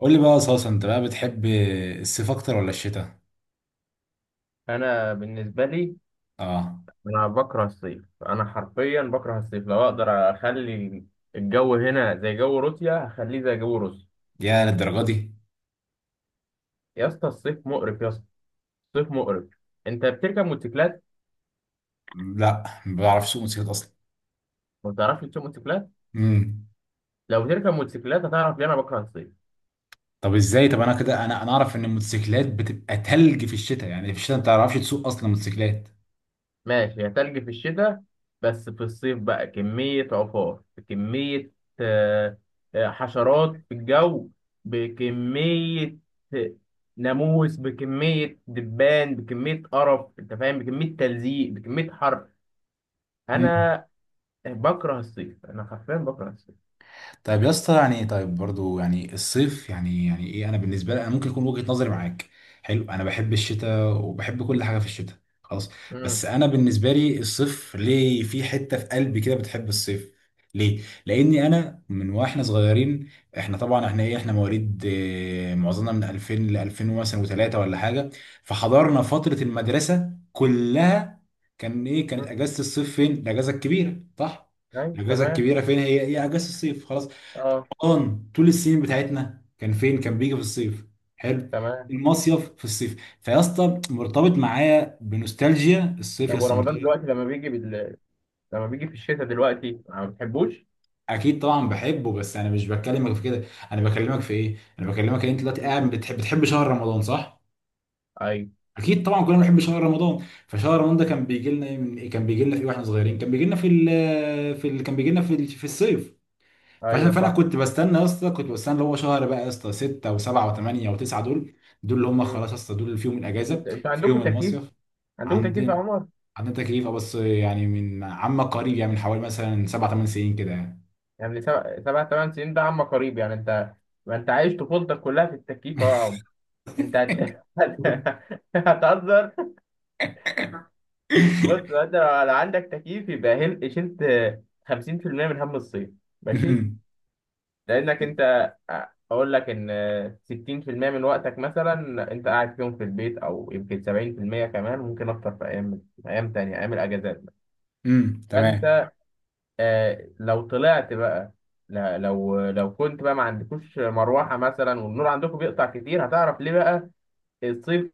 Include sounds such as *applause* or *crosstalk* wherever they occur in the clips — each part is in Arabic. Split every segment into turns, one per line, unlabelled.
قول لي بقى يا صاصة، انت بقى بتحب الصيف اكتر ولا الشتاء؟
انا بالنسبه لي.
اه.
انا بكره الصيف، انا حرفيا بكره الصيف. لو اقدر اخلي الجو هنا زي جو روسيا هخليه زي جو روسيا.
يا للدرجه دي.
يا اسطى الصيف مقرف يا اسطى الصيف مقرف. انت بتركب موتوسيكلات؟
لا، ما بعرف اسوق موتوسيكلات اصلا.
ما بتعرفش تسوق موتوسيكلات؟
امم
لو بتركب موتوسيكلات هتعرف ليه انا بكره الصيف.
طب ازاي؟ طب انا كده، انا اعرف ان الموتوسيكلات بتبقى تلج في الشتاء. يعني في الشتاء انت ما تعرفش تسوق اصلا موتوسيكلات.
ماشي، هي تلج في الشتاء، بس في الصيف بقى كمية عفار، بكمية آه، حشرات في الجو، بكمية آه، ناموس، بكمية دبان، بكمية قرف انت فاهم، بكمية تلزيق، بكمية حر. انا بكره الصيف، انا حرفيا بكره الصيف.
طيب يا اسطى، يعني طيب برضو يعني الصيف يعني ايه، انا بالنسبه لي انا ممكن يكون وجهه نظري معاك حلو. انا بحب الشتاء وبحب كل حاجه في الشتاء، خلاص. بس
امم.
انا بالنسبه لي الصيف ليه في حته في قلبي كده بتحب الصيف. ليه؟ لاني انا من واحنا صغيرين، احنا طبعا احنا ايه، احنا مواليد، معظمنا من 2000 ل 2000 مثلا وثلاثه ولا حاجه. فحضرنا فتره المدرسه كلها. كان ايه؟ كانت اجازه الصيف، فين الاجازه الكبيره؟ صح.
ايوه
الاجازه
تمام.
الكبيره فين؟ هي هي اجازه الصيف، خلاص.
اه
رمضان طول السنين بتاعتنا كان فين؟ كان بيجي في الصيف، حلو.
تمام.
المصيف في الصيف. فيا اسطى مرتبط معايا بنوستالجيا الصيف، يا
طب
اسطى
ورمضان
مرتبط.
دلوقتي لما بيجي في الشتاء دلوقتي ما بتحبوش؟
اكيد طبعا بحبه، بس انا مش بكلمك في كده. انا بكلمك في ايه؟ انا بكلمك ان انت دلوقتي
مم.
قاعد بتحب شهر رمضان، صح؟
ايوه.
اكيد طبعا كلنا بنحب شهر رمضان. فشهر رمضان ده كان بيجي لنا إيه؟ من إيه؟ كان بيجي لنا في ايه واحنا صغيرين؟ كان بيجي لنا في ال في ال كان بيجي لنا في ال- في الصيف. فعشان
ايوه
فانا
صح.
كنت بستنى يا اسطى، كنت بستنى اللي هو شهر بقى يا اسطى، 6 و7 و8 و9 دول، دول اللي هم
مم.
خلاص يا اسطى، دول اللي فيهم الاجازه
انتوا عندكم
فيهم
تكييف؟
المصيف.
عندكم تكييف يا
عندنا.
عمر؟
عندنا تكليف اه، بس يعني من عم قريب، يعني من حوالي مثلا 7 8 سنين كده يعني.
يعني سبع سبع ثمان سنين ده عم قريب يعني انت؟ ما انت عايش طفولتك كلها في التكييف أهو يا عمر. انت هت...
*laughs*
*laughs* هتهزر. بص انت لو عندك تكييف يبقى شلت 50% من هم الصيف، ماشي. لانك انت اقول لك ان 60% من وقتك مثلا انت قاعد فيهم في البيت، او يمكن 70% كمان، ممكن اكتر في ايام، ايام تانية، ايام الاجازات.
تمام.
فانت لو طلعت بقى، لا لو كنت بقى ما عندكوش مروحة مثلا والنور عندكم بيقطع كتير هتعرف ليه بقى الصيف.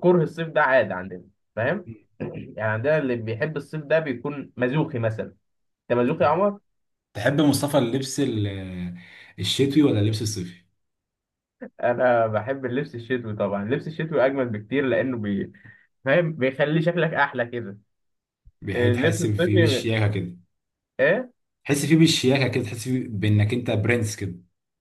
كره الصيف ده عادة عندنا، فاهم؟ *clears throat* يعني عندنا اللي بيحب الصيف ده بيكون مزوخي مثلا. انت مزوخي يا عمر؟
تحب مصطفى اللبس الشتوي ولا اللبس الصيفي؟
انا بحب اللبس الشتوي طبعا، اللبس الشتوي اجمل بكتير لانه فاهم بيخلي شكلك احلى كده. اللبس
تحس فيه
الصيفي
بالشياكه كده.
ايه.
تحس فيه بالشياكه كده، تحس فيه بانك انت برنس كده.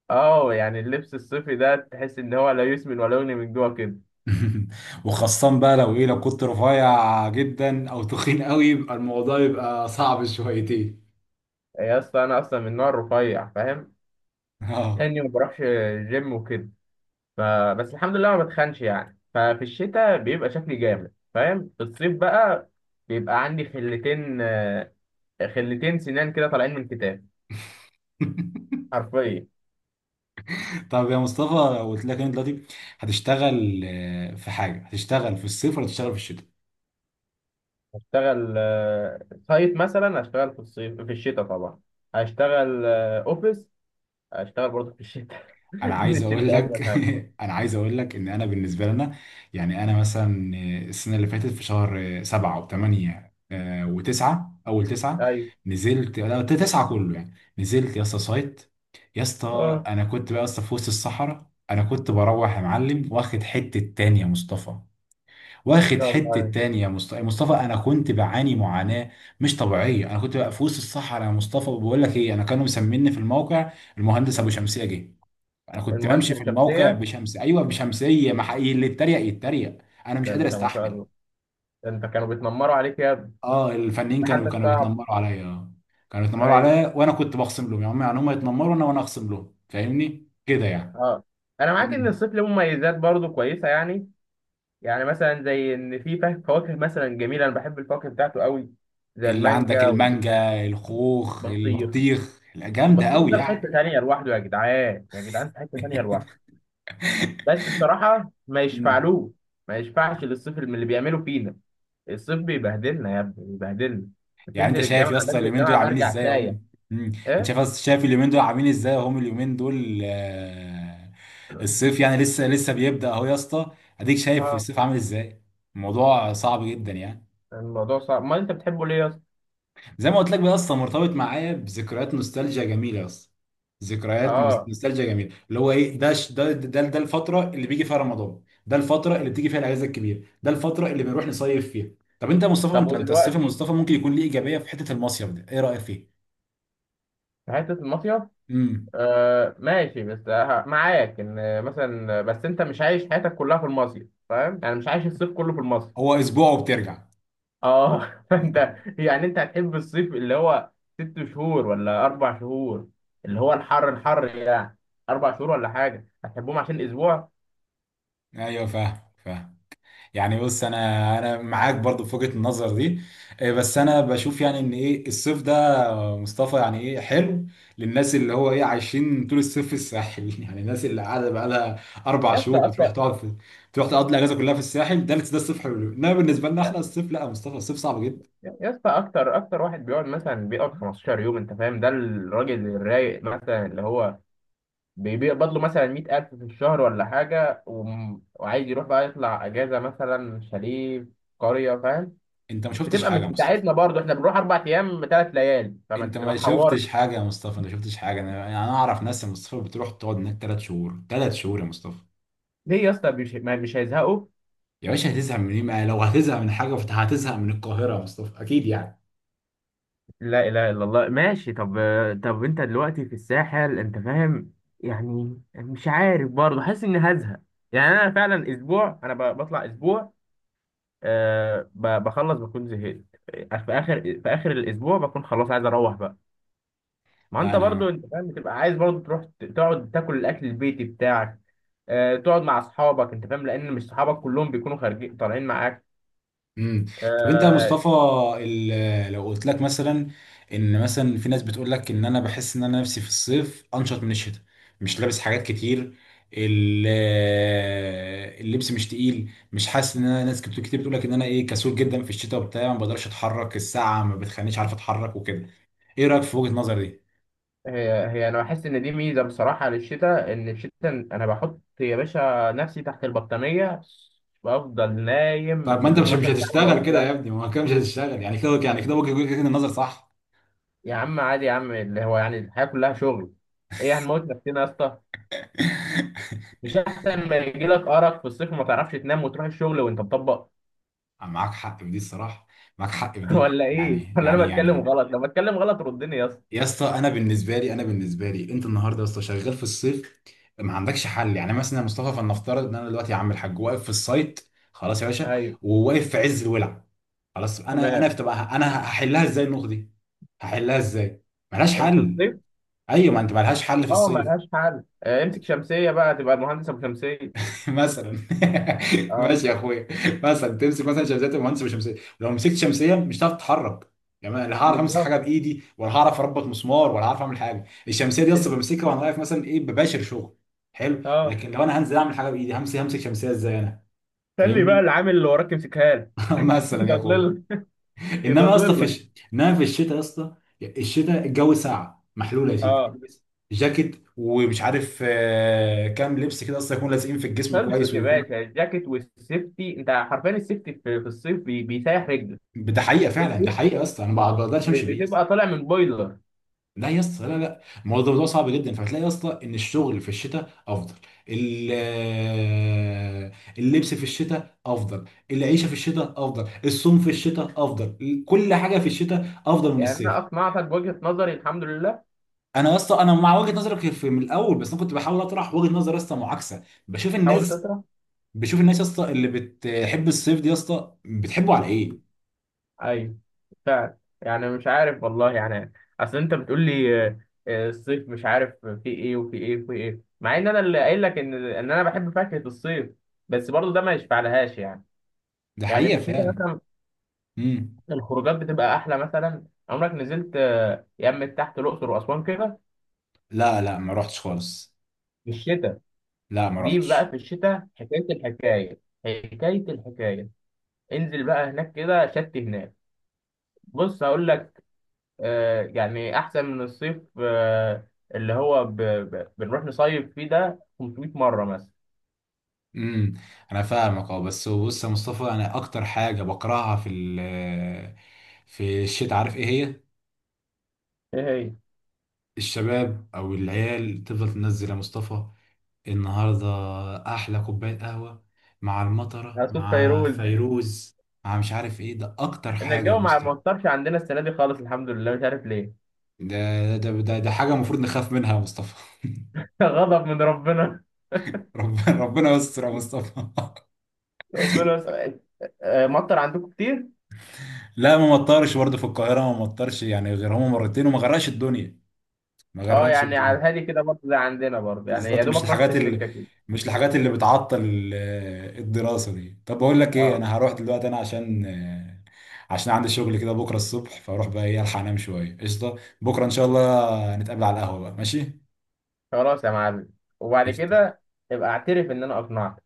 اه يعني اللبس الصيفي ده تحس ان هو لا يسمن ولا يغني من جوه كده.
*laughs* وخاصة بقى لو ايه، لو كنت رفيع جدا او تخين قوي يبقى الموضوع يبقى صعب شويتين.
يا اسطى انا اصلا من نوع رفيع، فاهم،
اه.
لاني ما بروحش جيم وكده. فبس الحمد لله ما بتخنش يعني. ففي الشتاء بيبقى شكلي جامد فاهم، في الصيف بقى بيبقى عندي خلتين سنان كده طالعين من كتاب،
*laughs*
حرفيا.
طب يا مصطفى، لو قلت لك إن انت دلوقتي هتشتغل في حاجة، هتشتغل في الصيف ولا هتشتغل في الشتاء؟
اشتغل سايت مثلا؟ اشتغل في الصيف. في الشتاء طبعا هشتغل اوفيس، اشتغل برضه في الشتاء.
انا
*laughs* ان
عايز اقول
الشتاء
لك.
اجمل حاجه.
*laughs* انا عايز اقول لك ان انا بالنسبه لنا، يعني انا مثلا السنه اللي فاتت في شهر سبعة وثمانية وتسعة، اول تسعة
ايوه.
نزلت. لا تسعة كله يعني، نزلت يا اسطى سايت. يا
اه
اسطى
ان
انا كنت بقى يا اسطى في وسط الصحراء، انا كنت بروح يا معلم واخد حته تانية يا مصطفى، واخد
شاء الله
حته
عليك.
تانية يا مصطفى. يا مصطفى انا كنت بعاني معاناه مش طبيعيه. انا كنت بقى في وسط الصحراء يا مصطفى، وبقول لك ايه، انا كانوا مسميني في الموقع المهندس ابو شمسيه. جه انا كنت
المهندس
بمشي في
ابو
الموقع
شمسيه.
بشمس، ايوه بشمسيه، ما حقيقي اللي اتريق يتريق، انا مش
ده
قادر
انت ما شاء
استحمل.
الله، ده انت كانوا بيتنمروا عليك يا ابني.
اه الفنانين
ده
كانوا
حالتك
كانوا
صعب.
بيتنمروا عليا اه. كانوا بيتنمروا
ايوه.
عليا وانا كنت بخصم لهم، يعني هم، يعني هم يتنمروا انا، وانا اخصم لهم، فاهمني كده يعني.
اه. انا معاك ان
كنا-
الصيف له مميزات برضو كويسه يعني. يعني مثلا زي ان في فواكه مثلا جميله، انا بحب الفواكه بتاعته قوي، زي
اللي عندك
المانجا
المانجا، الخوخ،
والبطيخ.
البطيخ، لا، جامده
البطيخ
قوي
ده في
يعني.
حته تانيه لوحده، يا جدعان، يا جدعان في حته تانيه لوحده. بس بصراحه ما
*laughs*
يشفعلوش، ما يشفعش للصيف اللي بيعملوا فينا. الصيف بيبهدلنا يا ابني بيبهدلنا.
يعني انت
بتنزل
شايف يا
الجامعه
اسطى
بنزل
اليومين دول
الجامعه
عاملين
برجع
ازاي
سايح.
هم، انت
ايه.
شايف شايف اليومين دول عاملين ازاي هم اليومين دول، الصيف يعني
*clears throat*
لسه بيبدأ اهو يا اسطى، اديك شايف
اه،
الصيف عامل ازاي. الموضوع صعب جدا يعني.
الموضوع صعب. ما انت بتحبه ليه يا اسطى؟
زي ما قلت لك بقى يا اسطى، مرتبط معايا بذكريات نوستالجيا جميله يا اسطى. ذكريات
اه
نوستالجيا جميله. اللي هو ايه، ده ش- ده ده ده الفتره اللي بيجي فيها رمضان، ده الفتره اللي بتيجي فيها الاجازه الكبيره، ده الفتره اللي بنروح نصيف فيها. طب انت يا مصطفى،
طب
انت الصيف يا
ودلوقتي
مصطفى ممكن يكون ليه ايجابيه في حته المصيف ده، ايه رايك فيه؟
في حته المصيف. آه ماشي، بس معاك ان مثلا، بس انت مش عايش حياتك كلها في المصيف فاهم، يعني مش عايش الصيف كله في المصيف.
هو اسبوع وبترجع.
اه *laughs* فانت يعني انت هتحب الصيف اللي هو 6 شهور ولا 4 شهور، اللي هو الحر الحر يعني، 4 شهور ولا حاجه هتحبهم عشان اسبوع.
ايوه فاهم، فاهم. يعني بص انا معاك برضو في وجهة النظر دي. بس انا بشوف يعني ان ايه، الصيف ده مصطفى يعني ايه حلو للناس اللي هو ايه عايشين طول الصيف في الساحل. *laughs* يعني الناس اللي قاعده بقى لها اربع
يا اسطى
شهور بتروح
اكتر.
تقعد في، بتروح تقضي الاجازه كلها في الساحل، ده ده الصيف حلو. انما بالنسبه لنا احنا الصيف لا يا مصطفى، الصيف صعب جدا.
يا اسطى اكتر اكتر واحد بيقعد 15 يوم انت فاهم، ده الراجل الرايق مثلا اللي هو بيقبض له مثلا 100 ألف في الشهر ولا حاجة، وعايز يروح بقى يطلع أجازة مثلا شاليه في قرية، فاهم.
انت ما شفتش
بتبقى
حاجه يا
مش
مصطفى،
بتاعتنا برضه، احنا بنروح 4 أيام 3 ليالي
انت
ما
ما
تحورش.
شفتش حاجه يا مصطفى، انت ما شفتش حاجه. انا اعرف ناس يا مصطفى بتروح تقعد هناك ثلاث شهور، ثلاث شهور يا مصطفى.
ليه يا اسطى، مش هيزهقوا؟
يا باشا هتزهق من ايه؟ ما لو هتزهق من حاجه فانت هتزهق من القاهره يا مصطفى اكيد يعني.
لا اله الا الله. ماشي طب، انت دلوقتي في الساحل انت فاهم، يعني مش عارف برضه حاسس اني هزهق. يعني انا فعلا اسبوع، انا بطلع اسبوع، أه بخلص بكون زهقت في اخر الاسبوع، بكون خلاص عايز اروح بقى. ما
لا
انت
انا.
برضو انت فاهم بتبقى عايز برضو تروح تقعد تاكل الاكل البيتي بتاعك، آه، تقعد مع اصحابك انت فاهم، لان مش صحابك كلهم بيكونوا خارجين طالعين معاك.
امم طب انت يا
آه.
مصطفى، لو قلت لك مثلا ان مثلا في ناس بتقول لك ان انا بحس ان انا نفسي في الصيف انشط من الشتاء، مش لابس حاجات كتير، ال- اللبس مش تقيل، مش حاسس ان انا، ناس كتير كتير بتقول لك ان انا ايه، كسول جدا في الشتاء وبتاع، ما بقدرش اتحرك، الساعه ما بتخلينيش عارف اتحرك وكده. ايه رايك في وجهه النظر دي؟
هي هي انا بحس ان دي ميزه بصراحه للشتاء، ان الشتاء انا بحط يا باشا نفسي تحت البطانيه بفضل نايم
طيب ما انت
بال
مش
12 ساعه، بقول
هتشتغل كده يا
لا.
ابني، ما هو كده مش هتشتغل يعني، كده يعني كده وجهة النظر صح.
يا عم عادي يا عم، اللي هو يعني الحياه كلها شغل، ايه هنموت نفسنا يا اسطى؟
*laughs*
مش احسن ما يجيلك ارق في الصيف وما تعرفش تنام وتروح الشغل وانت مطبق؟
معاك حق في دي الصراحه. معاك حق في
*laughs*
دي،
ولا ايه،
يعني
ولا انا
يعني
بتكلم
يعني
غلط؟ لو بتكلم غلط ردني يا اسطى.
يا اسطى انا بالنسبه لي، انا بالنسبه لي انت النهارده يا اسطى شغال في الصيف ما عندكش حل. يعني مثلا يا مصطفى، فلنفترض ان انا دلوقتي يا عم الحاج واقف في السايت خلاص يا باشا،
ايوه
وواقف في عز الولع خلاص. انا انا
تمام.
بتبقى انا هحلها ازاي النقطه دي، هحلها ازاي؟ ملهاش
في
حل.
الصيف.
ايوه، ما انت ملهاش حل في
اه
الصيف.
ملهاش حل. امسك شمسيه بقى تبقى المهندس ابو شمسيه.
مثلا. *laughs*
اه
ماشي يا اخويا، مثلا تمسك مثلا شمسيه، تبقى مهندس بالشمسيه. لو مسكت شمسيه مش هتعرف تتحرك، يعني أنا لا هعرف امسك حاجه
بالظبط.
بايدي، ولا هعرف اربط مسمار، ولا هعرف اعمل حاجه. الشمسيه دي اصلا
إن-
بمسكها وانا واقف مثلا ايه بباشر شغل، حلو.
اه.
لكن لو انا هنزل اعمل حاجه بايدي، همسك شمسيه ازاي انا؟
خلي بقى
فاهمني.
العامل اللي وراك يمسكها لك.
*laughs*
*laughs*
مثلا يا اخويا.
يضلل،
انما يا اسطى
يضلل لك.
انما في الشتاء يا اسطى، الشتاء الجو ساقع محلول يا سيدي،
اه
البس جاكيت ومش عارف كام لبس كده، اصلا يكون لازقين في الجسم كويس.
خلصت يا باشا، الجاكيت والسيفتي انت حرفيا، السيفتي في الصيف بيسيح رجلك.
ده حقيقه فعلا، ده
السيف
حقيقه يا اسطى، انا ما بقدرش امشي بيه يا اسطى.
بتبقى طالع من بويلر.
لا يا اسطى، لا لا الموضوع ده موضوع صعب جدا. فهتلاقي يا اسطى ان الشغل في الشتاء افضل، ال- آه، اللبس في الشتاء افضل، العيشه في الشتاء افضل، الصوم في الشتاء افضل، كل حاجه في الشتاء افضل من
يعني
الصيف.
انا اقنعتك بوجهه نظري الحمد لله.
انا يا اسطى انا مع وجهه نظرك في من الاول، بس انا كنت بحاول اطرح وجهه نظر يا اسطى معاكسه. بشوف
حاول
الناس،
تطرح.
بشوف الناس يا اسطى اللي بتحب الصيف دي يا اسطى بتحبه على ايه.
ايوه فعلا، يعني مش عارف والله يعني. اصل انت بتقول لي الصيف مش عارف في ايه وفي ايه وفي ايه، مع ان انا اللي قايل لك ان انا بحب فاكهة الصيف، بس برضو ده ما يشفعلهاش يعني.
ده
يعني في
حقيقه
الشتاء
فعلا.
مثلا
امم
الخروجات بتبقى احلى مثلا. عمرك نزلت يمة تحت الاقصر واسوان كده
لا لا، ما رحتش خالص.
في الشتاء؟
لا ما
دي بقى
رحتش.
في الشتاء حكاية الحكاية، حكاية الحكاية. انزل بقى هناك كده شت هناك. بص هقول لك، يعني احسن من الصيف اللي هو بنروح نصيف فيه ده 500 مره مثلا.
امم انا فاهمك اه، بس بص يا مصطفى انا اكتر حاجه بكرهها في الشتاء، عارف ايه هي؟
ايه هي؟
الشباب او العيال تفضل تنزل يا مصطفى النهارده. احلى كوبايه قهوه مع المطره
صيف
مع
فيروز. *laughs*
فيروز مع مش عارف ايه، ده اكتر
ان
حاجه يا
الجو ما
مصطفى.
ما اثرش عندنا السنه دي خالص، الحمد لله مش عارف ليه.
ده حاجه المفروض نخاف منها يا مصطفى. *laughs*
*laughs* غضب من ربنا.
ربنا، ربنا يستر يا مصطفى.
ربنا س- مطر عندكم كتير؟
*laughs* لا ما مطرش برضه في القاهره، ما مطرش يعني غير هما مرتين، وما غرقش الدنيا، ما
اه
غرقش
يعني على
الدنيا.
الهادي كده برضه زي عندنا برضه يعني، يا
بالظبط.
دوبك رش السكه كده.
مش الحاجات اللي بتعطل الدراسة دي. طب بقول لك ايه،
اه
انا هروح دلوقتي انا عشان عندي شغل كده بكرة الصبح، فاروح بقى ايه الحق انام شوية، قشطة. بكرة ان شاء الله نتقابل على القهوة بقى، ماشي.
خلاص يا معلم، وبعد
قشطة.
كده ابقى اعترف ان انا اقنعتك.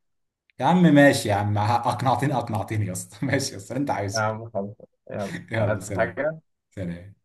يا عم ماشي يا عم، اقنعتني اقنعتني يا اسطى. *laughs* ماشي يا اسطى اللي انت
يا
عايزه.
عم خلاص، يلا.
يلا
عايز
سلام.
حاجه؟
سلام.